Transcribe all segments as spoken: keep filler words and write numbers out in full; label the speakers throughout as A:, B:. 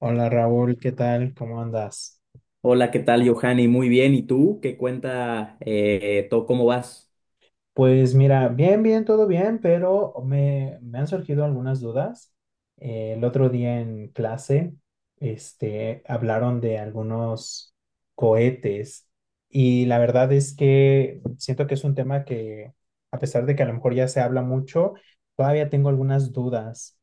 A: Hola Raúl, ¿qué tal? ¿Cómo andas?
B: Hola, ¿qué tal, Johanny? Muy bien. ¿Y tú? ¿Qué cuenta? Eh, todo, ¿cómo vas?
A: Pues mira, bien, bien, todo bien, pero me, me han surgido algunas dudas. Eh, el otro día en clase, este, hablaron de algunos cohetes y la verdad es que siento que es un tema que, a pesar de que a lo mejor ya se habla mucho, todavía tengo algunas dudas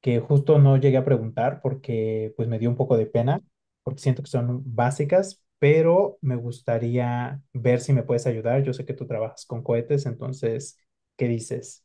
A: que justo no llegué a preguntar porque pues me dio un poco de pena, porque siento que son básicas, pero me gustaría ver si me puedes ayudar. Yo sé que tú trabajas con cohetes, entonces, ¿qué dices?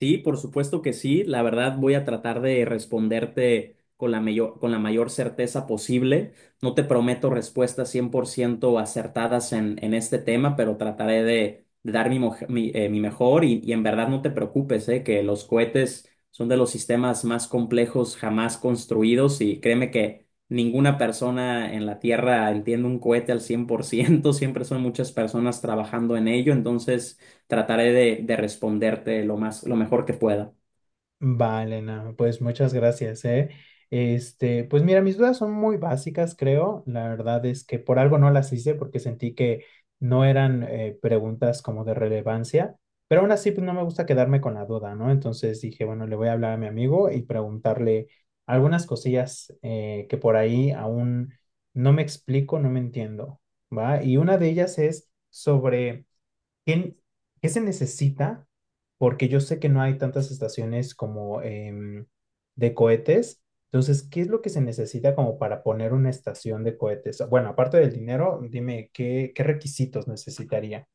B: Sí, por supuesto que sí. La verdad voy a tratar de responderte con la mayor, con la mayor certeza posible. No te prometo respuestas cien por ciento acertadas en, en este tema, pero trataré de, de dar mi, moj- mi, eh, mi mejor, y, y en verdad no te preocupes, eh, que los cohetes son de los sistemas más complejos jamás construidos y créeme que ninguna persona en la Tierra entiende un cohete al cien por ciento. Siempre son muchas personas trabajando en ello, entonces trataré de, de responderte lo más, lo mejor que pueda.
A: Vale, no, pues muchas gracias, ¿eh? Este, pues mira, mis dudas son muy básicas, creo. La verdad es que por algo no las hice porque sentí que no eran eh, preguntas como de relevancia, pero aún así pues no me gusta quedarme con la duda, ¿no? Entonces dije, bueno, le voy a hablar a mi amigo y preguntarle algunas cosillas eh, que por ahí aún no me explico, no me entiendo, ¿va? Y una de ellas es sobre... ¿Qué, qué se necesita? Porque yo sé que no hay tantas estaciones como em, de cohetes. Entonces, ¿qué es lo que se necesita como para poner una estación de cohetes? Bueno, aparte del dinero, dime, ¿qué, qué requisitos necesitaría?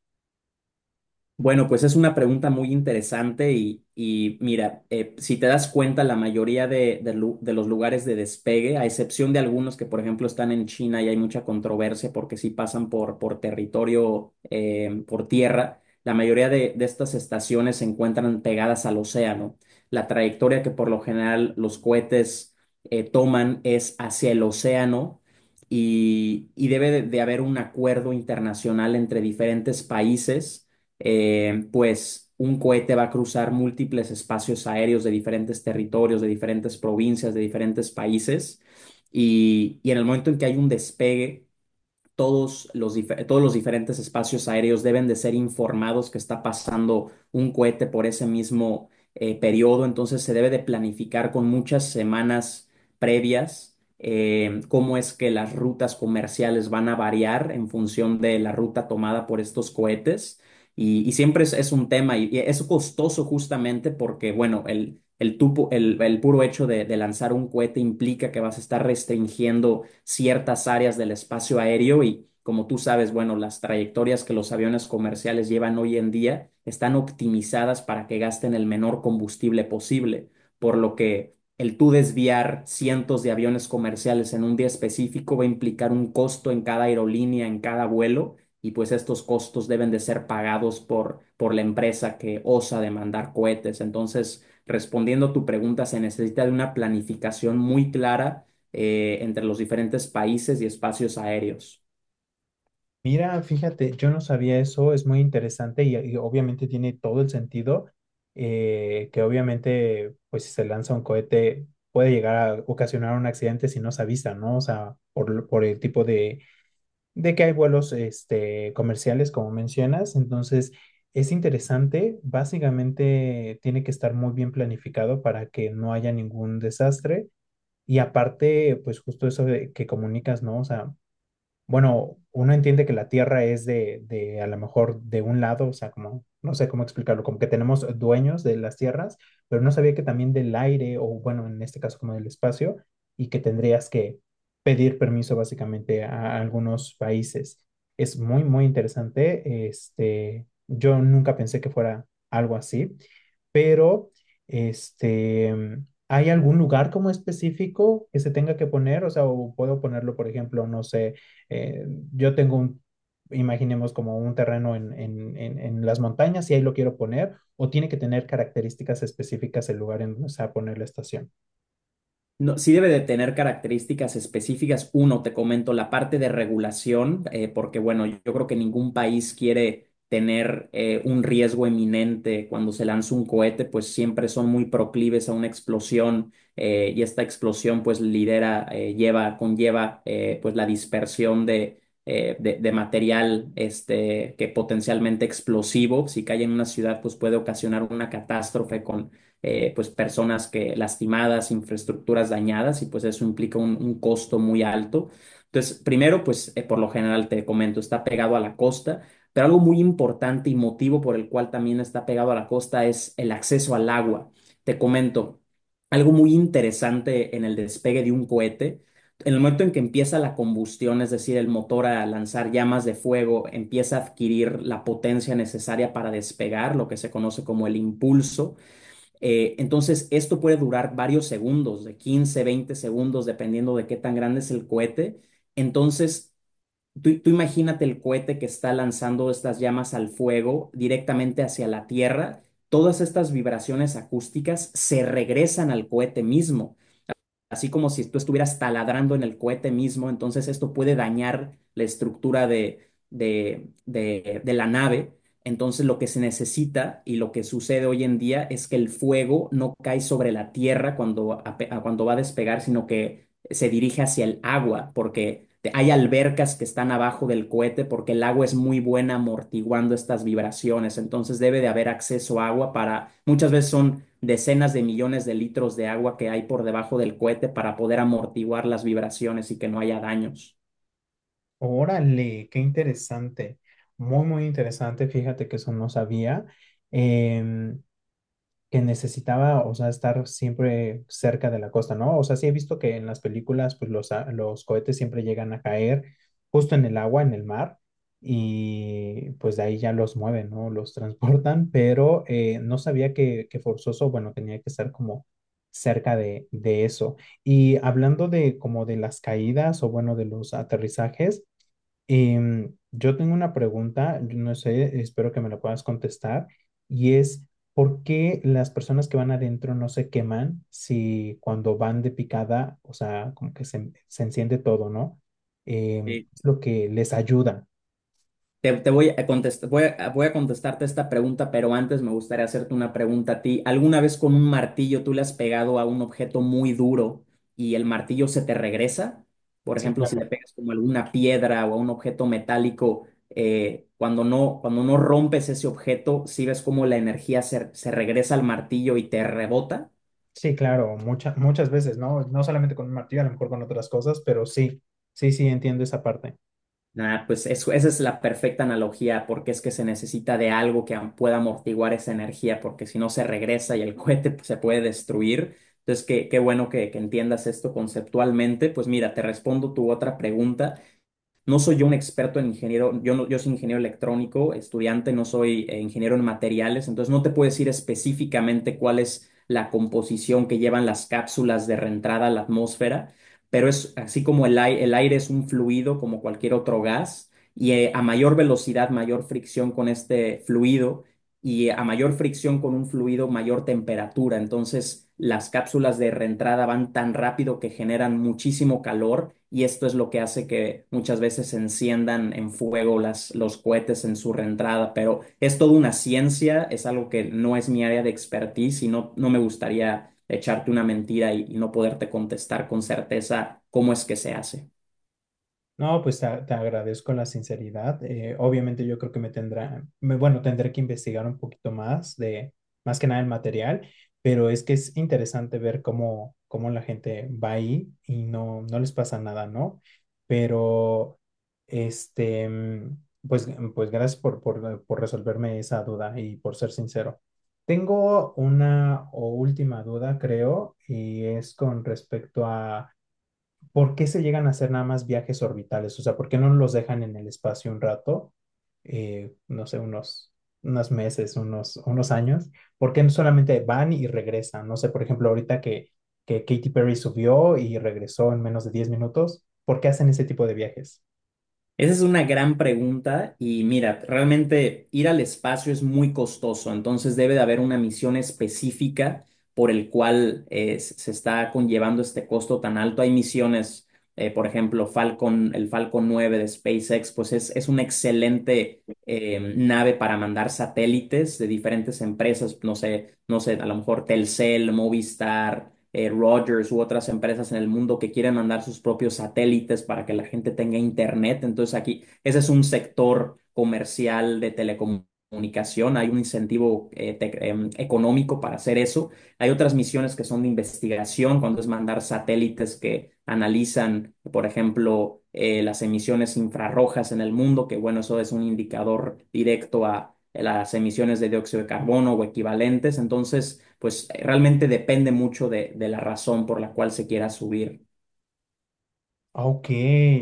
B: Bueno, pues es una pregunta muy interesante y, y mira, eh, si te das cuenta, la mayoría de, de lu- de los lugares de despegue, a excepción de algunos que, por ejemplo, están en China y hay mucha controversia porque sí pasan por, por territorio, eh, por tierra, la mayoría de, de estas estaciones se encuentran pegadas al océano. La trayectoria que por lo general los cohetes eh, toman es hacia el océano, y, y debe de de haber un acuerdo internacional entre diferentes países, eh, pues un cohete va a cruzar múltiples espacios aéreos de diferentes territorios, de diferentes provincias, de diferentes países, y, y en el momento en que hay un despegue, todos los, dife- todos los diferentes espacios aéreos deben de ser informados que está pasando un cohete por ese mismo eh, periodo. Entonces se debe de planificar con muchas semanas previas eh, cómo es que las rutas comerciales van a variar en función de la ruta tomada por estos cohetes. Y, y siempre es, es un tema, y, y es costoso justamente porque, bueno, el, el, tupo- el, el puro hecho de, de lanzar un cohete implica que vas a estar restringiendo ciertas áreas del espacio aéreo y, como tú sabes, bueno, las trayectorias que los aviones comerciales llevan hoy en día están optimizadas para que gasten el menor combustible posible, por lo que el tú desviar cientos de aviones comerciales en un día específico va a implicar un costo en cada aerolínea, en cada vuelo, y pues estos costos deben de ser pagados por, por la empresa que osa demandar cohetes. Entonces, respondiendo a tu pregunta, se necesita de una planificación muy clara eh, entre los diferentes países y espacios aéreos.
A: Mira, fíjate, yo no sabía eso, es muy interesante y, y obviamente tiene todo el sentido, eh, que obviamente, pues si se lanza un cohete, puede llegar a ocasionar un accidente si no se avisa, ¿no? O sea, por, lo- por el tipo de de que hay vuelos este, comerciales, como mencionas, entonces es interesante, básicamente tiene que estar muy bien planificado para que no haya ningún desastre y aparte, pues justo eso de que comunicas, ¿no? O sea, bueno, uno entiende que la Tierra es de, de, a lo mejor de un lado, o sea, como, no sé cómo explicarlo, como que tenemos dueños de las tierras, pero no sabía que también del aire, o bueno, en este caso como del espacio, y que tendrías que pedir permiso básicamente a algunos países. Es muy, muy interesante. Este, yo nunca pensé que fuera algo así, pero este, ¿hay algún lugar como específico que se tenga que poner? O sea, o puedo ponerlo, por ejemplo, no sé, eh, yo tengo un, imaginemos como un terreno en, en, en, en las montañas y ahí lo quiero poner, o tiene que tener características específicas el lugar en donde se va a poner la estación.
B: No, sí debe de tener características específicas. Uno, te comento la parte de regulación, eh, porque bueno, yo creo que ningún país quiere tener eh, un riesgo eminente cuando se lanza un cohete, pues siempre son muy proclives a una explosión, eh, y esta explosión pues lidera, eh, lleva, conlleva eh, pues la dispersión de, eh, de, de material este, que potencialmente explosivo, si cae en una ciudad pues puede ocasionar una catástrofe con eh, pues personas que lastimadas, infraestructuras dañadas, y pues eso implica un, un costo muy alto. Entonces, primero, pues eh, por lo general te comento, está pegado a la costa, pero algo muy importante y motivo por el cual también está pegado a la costa es el acceso al agua. Te comento algo muy interesante en el despegue de un cohete. En el momento en que empieza la combustión, es decir, el motor a lanzar llamas de fuego, empieza a adquirir la potencia necesaria para despegar, lo que se conoce como el impulso. Eh, entonces, esto puede durar varios segundos, de quince, veinte segundos, dependiendo de qué tan grande es el cohete. Entonces, tú, tú imagínate el cohete que está lanzando estas llamas al fuego directamente hacia la Tierra. Todas estas vibraciones acústicas se regresan al cohete mismo, así como si tú estuvieras taladrando en el cohete mismo. Entonces esto puede dañar la estructura de, de, de- de la nave. Entonces lo que se necesita y lo que sucede hoy en día es que el fuego no cae sobre la tierra cuando, ape- cuando va a despegar, sino que se dirige hacia el agua, porque te- hay albercas que están abajo del cohete, porque el agua es muy buena amortiguando estas vibraciones. Entonces debe de haber acceso a agua, para, muchas veces son decenas de millones de litros de agua que hay por debajo del cohete para poder amortiguar las vibraciones y que no haya daños.
A: Órale, qué interesante. Muy, muy interesante. Fíjate que eso no sabía. Em, que necesitaba, o sea, estar siempre cerca de la costa, ¿no? O sea, sí he visto que en las películas, pues los, a- los cohetes siempre llegan a caer justo en el agua, en el mar, y pues de ahí ya los mueven, ¿no? Los transportan, pero eh, no sabía que, que forzoso, bueno, tenía que estar como cerca de, de eso. Y hablando de como de las caídas o bueno, de los aterrizajes. Y mm, yo tengo una pregunta, yo no sé, espero que me la puedas contestar, y es, ¿por qué las personas que van adentro no se queman si cuando van de picada? O sea, como que se, se enciende todo, ¿no? Em, es lo que les ayuda.
B: Te, te voy a contestar, voy a, voy a contestarte esta pregunta, pero antes me gustaría hacerte una pregunta a ti. ¿Alguna vez con un martillo tú le has pegado a un objeto muy duro y el martillo se te regresa? Por
A: Sí,
B: ejemplo, si le
A: claro,
B: pegas como alguna piedra o a un objeto metálico, eh, cuando no, cuando no rompes ese objeto, ¿sí ves cómo la energía se, se regresa al martillo y te rebota?
A: sí, claro, muchas muchas veces, ¿no? No solamente con un martillo, a lo mejor con otras cosas, pero sí, sí, sí, entiendo esa parte.
B: Ah, pues eso, esa es la perfecta analogía, porque es que se necesita de algo que am- pueda amortiguar esa energía, porque si no se regresa y el cohete pues se puede destruir. Entonces, qué, qué bueno que que entiendas esto conceptualmente. Pues mira, te respondo tu otra pregunta. No soy yo un experto en ingeniero, yo, no, yo soy ingeniero electrónico, estudiante, no soy eh, ingeniero en materiales, entonces no te puedo decir específicamente cuál es la composición que llevan las cápsulas de reentrada a la atmósfera, pero es así como el, ai- el aire es un fluido como cualquier otro gas, y eh, a mayor velocidad, mayor fricción con este fluido, y a mayor fricción con un fluido, mayor temperatura. Entonces, las cápsulas de reentrada van tan rápido que generan muchísimo calor, y esto es lo que hace que muchas veces se enciendan en fuego las, los cohetes en su reentrada. Pero es toda una ciencia, es algo que no es mi área de expertise y no, no me gustaría echarte una mentira y, y no poderte contestar con certeza cómo es que se hace.
A: No, pues te, te agradezco la sinceridad. Eh, obviamente yo creo que me tendrá, me- bueno, tendré que investigar un poquito más de, más que nada el material, pero es que es interesante ver cómo, cómo la gente va ahí y no, no les pasa nada, ¿no? Pero, este, mm, pues, pues gracias por, por, por resolverme esa duda y por ser sincero. Tengo una o última duda, creo, y es con respecto a ¿por qué se llegan a hacer nada más viajes orbitales? O sea, ¿por qué no los dejan en el espacio un rato? Eh, no sé, unos, unos meses, unos, unos años. ¿Por qué no solamente van y regresan? No sé, por ejemplo, ahorita que, que Katy Perry subió y regresó en menos de diez minutos, ¿por qué hacen ese tipo de viajes?
B: Esa es una gran pregunta y mira, realmente ir al espacio es muy costoso, entonces debe de haber una misión específica por el cual eh, s- se está conllevando este costo tan alto. Hay misiones, eh, por ejemplo, Falcon, el Falcon nueve de SpaceX, pues es, es una excelente eh, nave para mandar satélites de diferentes empresas, no sé, no sé, a lo mejor Telcel, Movistar, eh, Rogers u otras empresas en el mundo que quieren mandar sus propios satélites para que la gente tenga internet. Entonces aquí, ese es un sector comercial de telecomunicación. Hay un incentivo eh, tec- em, económico para hacer eso. Hay otras misiones que son de investigación, cuando es mandar satélites que analizan, por ejemplo, eh, las emisiones infrarrojas en el mundo, que bueno, eso es un indicador directo a las emisiones de dióxido de carbono o equivalentes. Entonces, pues eh, realmente depende mucho de, de la razón por la cual se quiera subir.
A: Ok,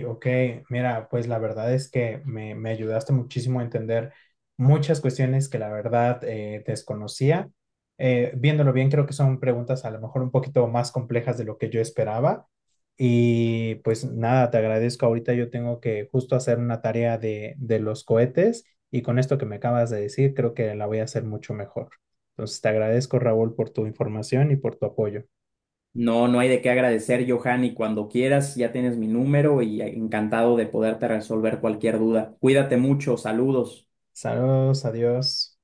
A: ok. Mira, pues la verdad es que me, me ayudaste muchísimo a entender muchas cuestiones que la verdad eh, desconocía. Eh, viéndolo bien, creo que son preguntas a lo mejor un poquito más complejas de lo que yo esperaba. Y pues nada, te agradezco. Ahorita yo tengo que justo hacer una tarea de, de los cohetes y con esto que me acabas de decir, creo que la voy a hacer mucho mejor. Entonces, te agradezco, Raúl, por tu información y por tu apoyo.
B: No, no hay de qué agradecer, Johan, y cuando quieras ya tienes mi número y encantado de poderte resolver cualquier duda. Cuídate mucho, saludos.
A: Saludos, adiós.